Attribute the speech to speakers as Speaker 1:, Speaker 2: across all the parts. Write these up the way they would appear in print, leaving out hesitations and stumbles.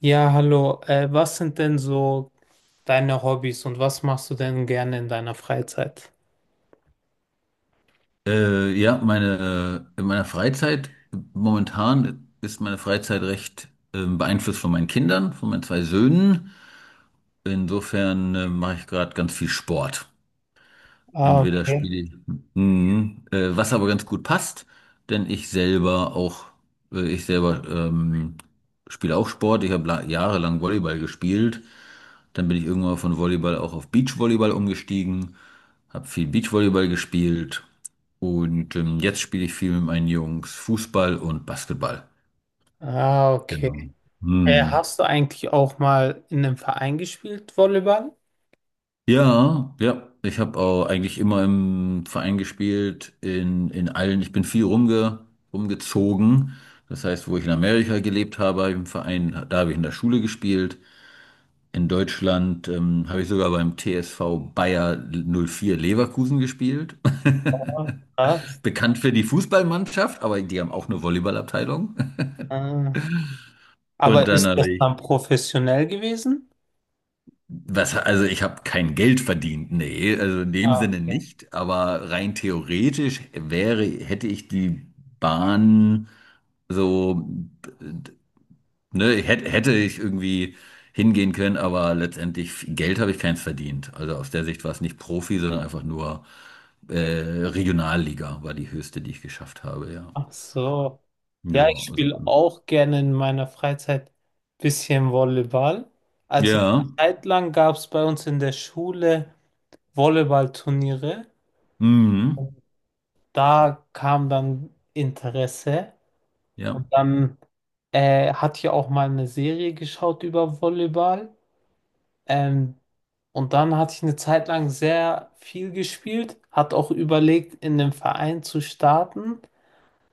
Speaker 1: Ja, hallo. Was sind denn so deine Hobbys und was machst du denn gerne in deiner Freizeit?
Speaker 2: Ja, meine, in meiner Freizeit, momentan ist meine Freizeit recht beeinflusst von meinen Kindern, von meinen zwei Söhnen. Insofern mache ich gerade ganz viel Sport.
Speaker 1: Ah,
Speaker 2: Entweder
Speaker 1: okay.
Speaker 2: spiele ich, mhm. Was aber ganz gut passt, denn ich selber auch, ich selber spiele auch Sport. Ich habe jahrelang Volleyball gespielt. Dann bin ich irgendwann von Volleyball auch auf Beachvolleyball umgestiegen, habe viel Beachvolleyball gespielt und jetzt spiele ich viel mit meinen Jungs Fußball und Basketball.
Speaker 1: Ah, okay.
Speaker 2: Genau.
Speaker 1: Äh,
Speaker 2: Mhm.
Speaker 1: hast du eigentlich auch mal in einem Verein gespielt, Volleyball?
Speaker 2: Ja, ja. Ich habe auch eigentlich immer im Verein gespielt, in allen. Ich bin viel rumge, rumgezogen. Das heißt, wo ich in Amerika gelebt habe, habe ich im Verein, da habe ich in der Schule gespielt. In Deutschland habe ich sogar beim TSV Bayer 04 Leverkusen gespielt.
Speaker 1: Ah, was?
Speaker 2: Bekannt für die Fußballmannschaft, aber die haben auch eine Volleyballabteilung.
Speaker 1: Äh,
Speaker 2: Und
Speaker 1: aber
Speaker 2: dann
Speaker 1: ist das
Speaker 2: habe
Speaker 1: dann
Speaker 2: ich
Speaker 1: professionell gewesen?
Speaker 2: Was, also ich habe kein Geld verdient, nee, also in dem
Speaker 1: Ah,
Speaker 2: Sinne
Speaker 1: okay.
Speaker 2: nicht, aber rein theoretisch wäre, hätte ich die Bahn so, ne, hätte ich irgendwie hingehen können, aber letztendlich Geld habe ich keins verdient. Also aus der Sicht war es nicht Profi, sondern einfach nur Regionalliga war die höchste, die ich geschafft habe, ja.
Speaker 1: Ach so. Ja, ich
Speaker 2: Ja, also,
Speaker 1: spiele auch gerne in meiner Freizeit bisschen Volleyball. Also
Speaker 2: ja,
Speaker 1: eine Zeit lang gab es bei uns in der Schule Volleyballturniere.
Speaker 2: mhm,
Speaker 1: Da kam dann Interesse
Speaker 2: ja,
Speaker 1: und dann hatte ich auch mal eine Serie geschaut über Volleyball. Ähm, und dann hatte ich eine Zeit lang sehr viel gespielt, hat auch überlegt, in den Verein zu starten.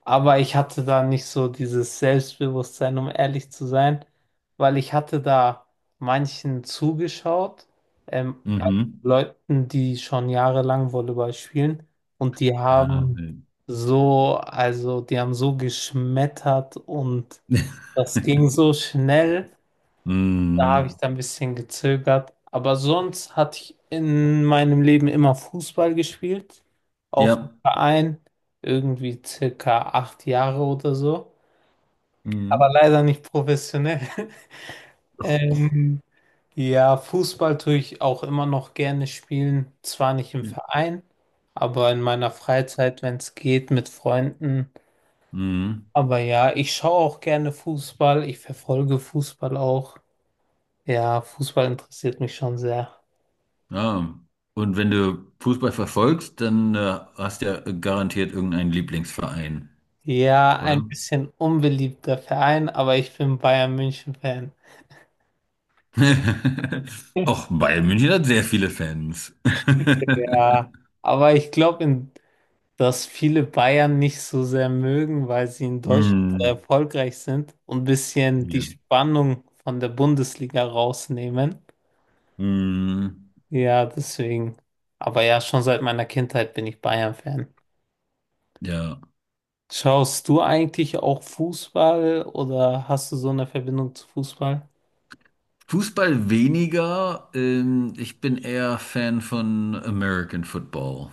Speaker 1: Aber ich hatte da nicht so dieses Selbstbewusstsein, um ehrlich zu sein, weil ich hatte da manchen zugeschaut, also
Speaker 2: mhm,
Speaker 1: Leuten, die schon jahrelang Volleyball spielen und die haben
Speaker 2: nee.
Speaker 1: so, also die haben so geschmettert und das ging so schnell. Da habe
Speaker 2: Mhm.
Speaker 1: ich da ein bisschen gezögert. Aber sonst hatte ich in meinem Leben immer Fußball gespielt. Auch im
Speaker 2: Ja.
Speaker 1: Verein. Irgendwie circa 8 Jahre oder so. Aber
Speaker 2: Mhm.
Speaker 1: leider nicht professionell.
Speaker 2: Ach, ach.
Speaker 1: Ähm, ja, Fußball tue ich auch immer noch gerne spielen. Zwar nicht im Verein, aber in meiner Freizeit, wenn es geht, mit Freunden.
Speaker 2: Mhm.
Speaker 1: Aber ja, ich schaue auch gerne Fußball. Ich verfolge Fußball auch. Ja, Fußball interessiert mich schon sehr.
Speaker 2: Ja. Und wenn du Fußball verfolgst, dann hast du ja garantiert irgendeinen Lieblingsverein,
Speaker 1: Ja,
Speaker 2: oder?
Speaker 1: ein bisschen unbeliebter Verein, aber ich bin Bayern München-Fan.
Speaker 2: Och, Bayern München hat sehr viele Fans.
Speaker 1: Ja, aber ich glaube, dass viele Bayern nicht so sehr mögen, weil sie in Deutschland so
Speaker 2: Mhm.
Speaker 1: erfolgreich sind und ein bisschen die
Speaker 2: Ja.
Speaker 1: Spannung von der Bundesliga rausnehmen.
Speaker 2: Mhm.
Speaker 1: Ja, deswegen. Aber ja, schon seit meiner Kindheit bin ich Bayern-Fan.
Speaker 2: Ja.
Speaker 1: Schaust du eigentlich auch Fußball oder hast du so eine Verbindung zu Fußball?
Speaker 2: Fußball weniger. Ich bin eher Fan von American Football.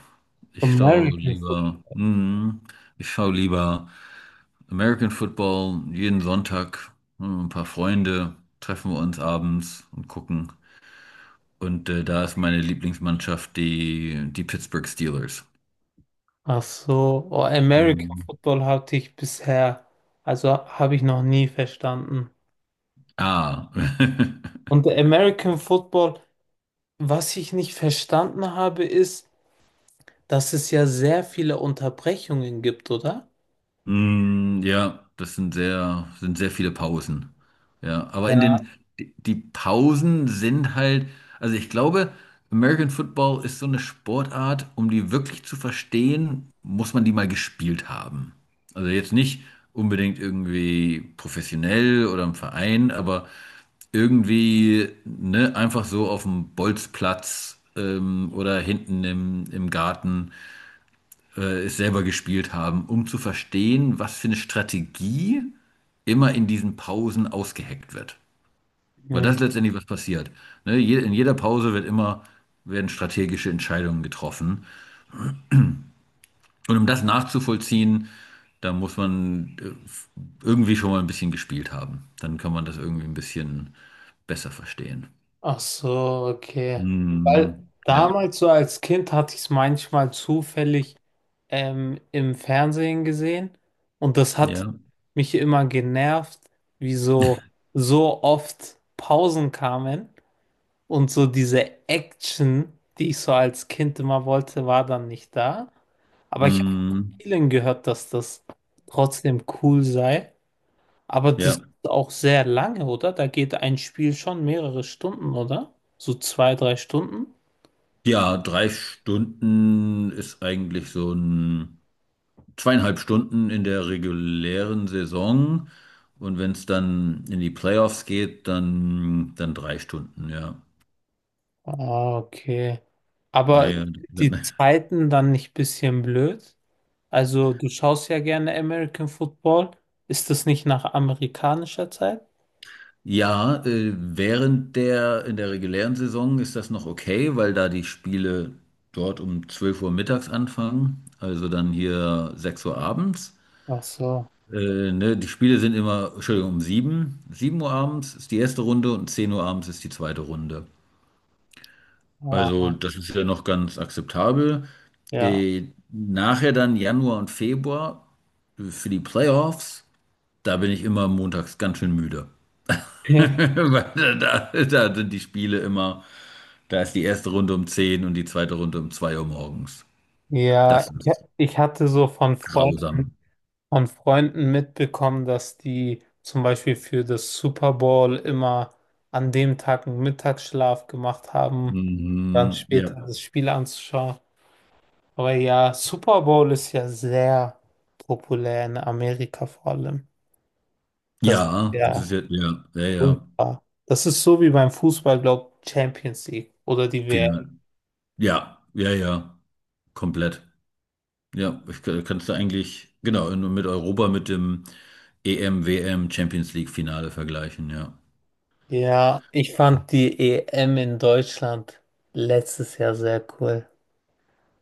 Speaker 2: Ich schaue
Speaker 1: American Football.
Speaker 2: lieber. Mhm. Ich schaue lieber. American Football, jeden Sonntag, hm, ein paar Freunde, treffen wir uns abends und gucken. Und da ist meine Lieblingsmannschaft die Pittsburgh Steelers.
Speaker 1: Ach so, oh, American
Speaker 2: Hm.
Speaker 1: Football hatte ich bisher, also habe ich noch nie verstanden.
Speaker 2: Ah.
Speaker 1: Und der American Football, was ich nicht verstanden habe, ist, dass es ja sehr viele Unterbrechungen gibt, oder?
Speaker 2: Mm, ja, sind sehr viele Pausen. Ja, aber
Speaker 1: Ja.
Speaker 2: die die Pausen sind halt, also ich glaube, American Football ist so eine Sportart, um die wirklich zu verstehen, muss man die mal gespielt haben. Also jetzt nicht unbedingt irgendwie professionell oder im Verein, aber irgendwie, ne, einfach so auf dem Bolzplatz oder hinten im Garten es selber gespielt haben, um zu verstehen, was für eine Strategie immer in diesen Pausen ausgeheckt wird. Weil
Speaker 1: Hm.
Speaker 2: das ist letztendlich was passiert. Ne? In jeder Pause werden strategische Entscheidungen getroffen. Und um das nachzuvollziehen, da muss man irgendwie schon mal ein bisschen gespielt haben. Dann kann man das irgendwie ein bisschen besser verstehen.
Speaker 1: Ach so, okay. Weil
Speaker 2: Hm, ja,
Speaker 1: damals so als Kind hatte ich es manchmal zufällig im Fernsehen gesehen und das hat
Speaker 2: ja,
Speaker 1: mich immer genervt, wie so, so oft Pausen kamen. Und so diese Action, die ich so als Kind immer wollte, war dann nicht da. Aber ich habe
Speaker 2: hm,
Speaker 1: vielen gehört, dass das trotzdem cool sei. Aber das
Speaker 2: ja.
Speaker 1: ist auch sehr lange, oder? Da geht ein Spiel schon mehrere Stunden, oder? So zwei, drei Stunden.
Speaker 2: Ja, drei Stunden ist eigentlich so ein zweieinhalb Stunden in der regulären Saison. Und wenn es dann in die Playoffs geht, dann drei Stunden, ja.
Speaker 1: Ah, okay.
Speaker 2: Ja,
Speaker 1: Aber
Speaker 2: ja.
Speaker 1: die Zeiten dann nicht ein bisschen blöd? Also, du schaust ja gerne American Football. Ist das nicht nach amerikanischer Zeit?
Speaker 2: Ja, während in der regulären Saison ist das noch okay, weil da die Spiele dort um 12 Uhr mittags anfangen, also dann hier 18 Uhr abends.
Speaker 1: Ach so.
Speaker 2: Ne, die Spiele sind immer, Entschuldigung, um 19 Uhr abends ist die erste Runde und 22 Uhr abends ist die zweite Runde.
Speaker 1: Ah,
Speaker 2: Also, das ist ja noch ganz akzeptabel.
Speaker 1: ja.
Speaker 2: Nachher dann Januar und Februar für die Playoffs, da bin ich immer montags ganz schön müde. Weil da sind die Spiele immer, da ist die erste Runde um 22 Uhr und die zweite Runde um 2 Uhr morgens.
Speaker 1: Ja,
Speaker 2: Das
Speaker 1: ich,
Speaker 2: ist
Speaker 1: ich hatte so
Speaker 2: grausam.
Speaker 1: von Freunden mitbekommen, dass die zum Beispiel für das Super Bowl immer an dem Tag einen Mittagsschlaf gemacht haben, dann
Speaker 2: Mhm,
Speaker 1: später
Speaker 2: ja.
Speaker 1: das Spiel anzuschauen. Aber ja, Super Bowl ist ja sehr populär in Amerika vor allem. Das ist
Speaker 2: Ja, das ist
Speaker 1: ja
Speaker 2: ja, ja, ja, ja.
Speaker 1: ultra. Das ist so wie beim Fußball, glaube ich, Champions League oder die WM.
Speaker 2: Final. Ja, ja, ja, komplett. Ja, kannst du eigentlich, genau, mit Europa mit dem EM, WM, Champions League Finale vergleichen, ja.
Speaker 1: Ja, ich fand die EM in Deutschland letztes Jahr sehr cool.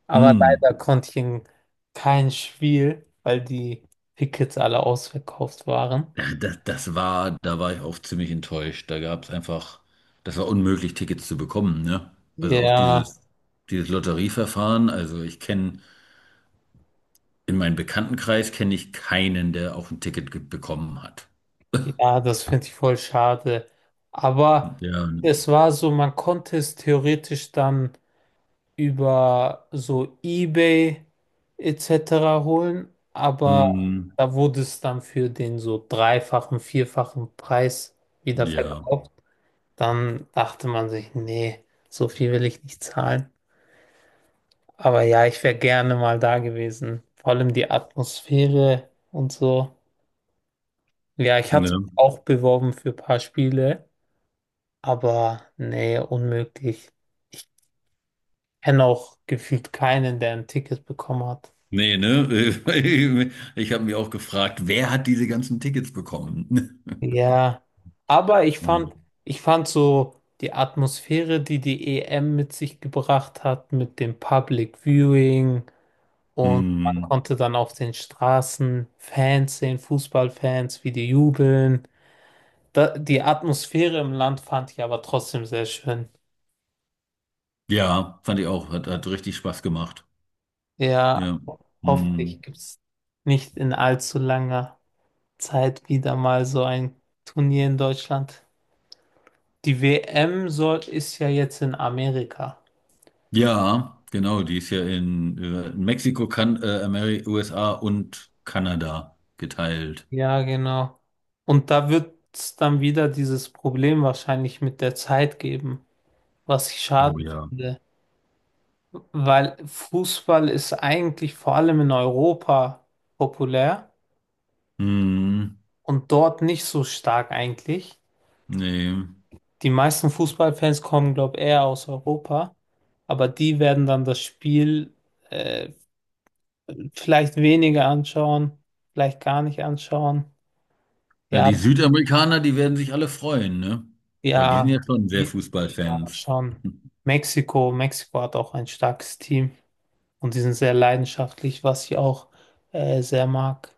Speaker 1: Aber
Speaker 2: Mm.
Speaker 1: leider konnte ich in kein Spiel, weil die Tickets alle ausverkauft waren.
Speaker 2: Ja, das war, da war ich auch ziemlich enttäuscht. Da gab es einfach, das war unmöglich, Tickets zu bekommen, ne? Also auch
Speaker 1: Ja,
Speaker 2: dieses Lotterieverfahren. Also ich kenne, in meinem Bekanntenkreis kenne ich keinen, der auch ein Ticket bekommen hat.
Speaker 1: ja, das finde ich voll schade. Aber
Speaker 2: Ja,
Speaker 1: es war so, man konnte es theoretisch dann über so eBay etc. holen, aber
Speaker 2: mm,
Speaker 1: da wurde es dann für den so dreifachen, vierfachen Preis wieder
Speaker 2: ja,
Speaker 1: verkauft. Dann dachte man sich, nee, so viel will ich nicht zahlen. Aber ja, ich wäre gerne mal da gewesen. Vor allem die Atmosphäre und so. Ja, ich hatte
Speaker 2: ne?
Speaker 1: mich auch beworben für ein paar Spiele, aber nee, unmöglich. Ich kenne auch gefühlt keinen, der ein Ticket bekommen hat.
Speaker 2: Nee, ne? Ich habe mich auch gefragt, wer hat diese ganzen Tickets bekommen?
Speaker 1: Ja, aber
Speaker 2: Hm.
Speaker 1: ich fand so die Atmosphäre, die die EM mit sich gebracht hat, mit dem Public Viewing und man
Speaker 2: Hm.
Speaker 1: konnte dann auf den Straßen Fans sehen, Fußballfans, wie die jubeln. Da, die Atmosphäre im Land fand ich aber trotzdem sehr schön.
Speaker 2: Ja, fand ich auch. Hat, hat richtig Spaß gemacht.
Speaker 1: Ja,
Speaker 2: Ja.
Speaker 1: hoffentlich
Speaker 2: Hm.
Speaker 1: gibt es nicht in allzu langer Zeit wieder mal so ein Turnier in Deutschland. Die WM soll, ist ja jetzt in Amerika.
Speaker 2: Ja, genau. Die ist ja in Mexiko, kan Ameri USA und Kanada geteilt.
Speaker 1: Ja, genau. Und da wird es dann wieder dieses Problem wahrscheinlich mit der Zeit geben, was ich
Speaker 2: Oh
Speaker 1: schade
Speaker 2: ja.
Speaker 1: finde, weil Fußball ist eigentlich vor allem in Europa populär
Speaker 2: Hm.
Speaker 1: und dort nicht so stark eigentlich.
Speaker 2: Nee.
Speaker 1: Die meisten Fußballfans kommen, glaube ich, eher aus Europa, aber die werden dann das Spiel äh, vielleicht weniger anschauen, vielleicht gar nicht anschauen.
Speaker 2: Na,
Speaker 1: Ja,
Speaker 2: die Südamerikaner, die werden sich alle freuen, ne? Weil die sind
Speaker 1: ja,
Speaker 2: ja schon sehr
Speaker 1: die- ja,
Speaker 2: Fußballfans.
Speaker 1: schon. Mexiko, Mexiko hat auch ein starkes Team und die sind sehr leidenschaftlich, was ich auch sehr mag.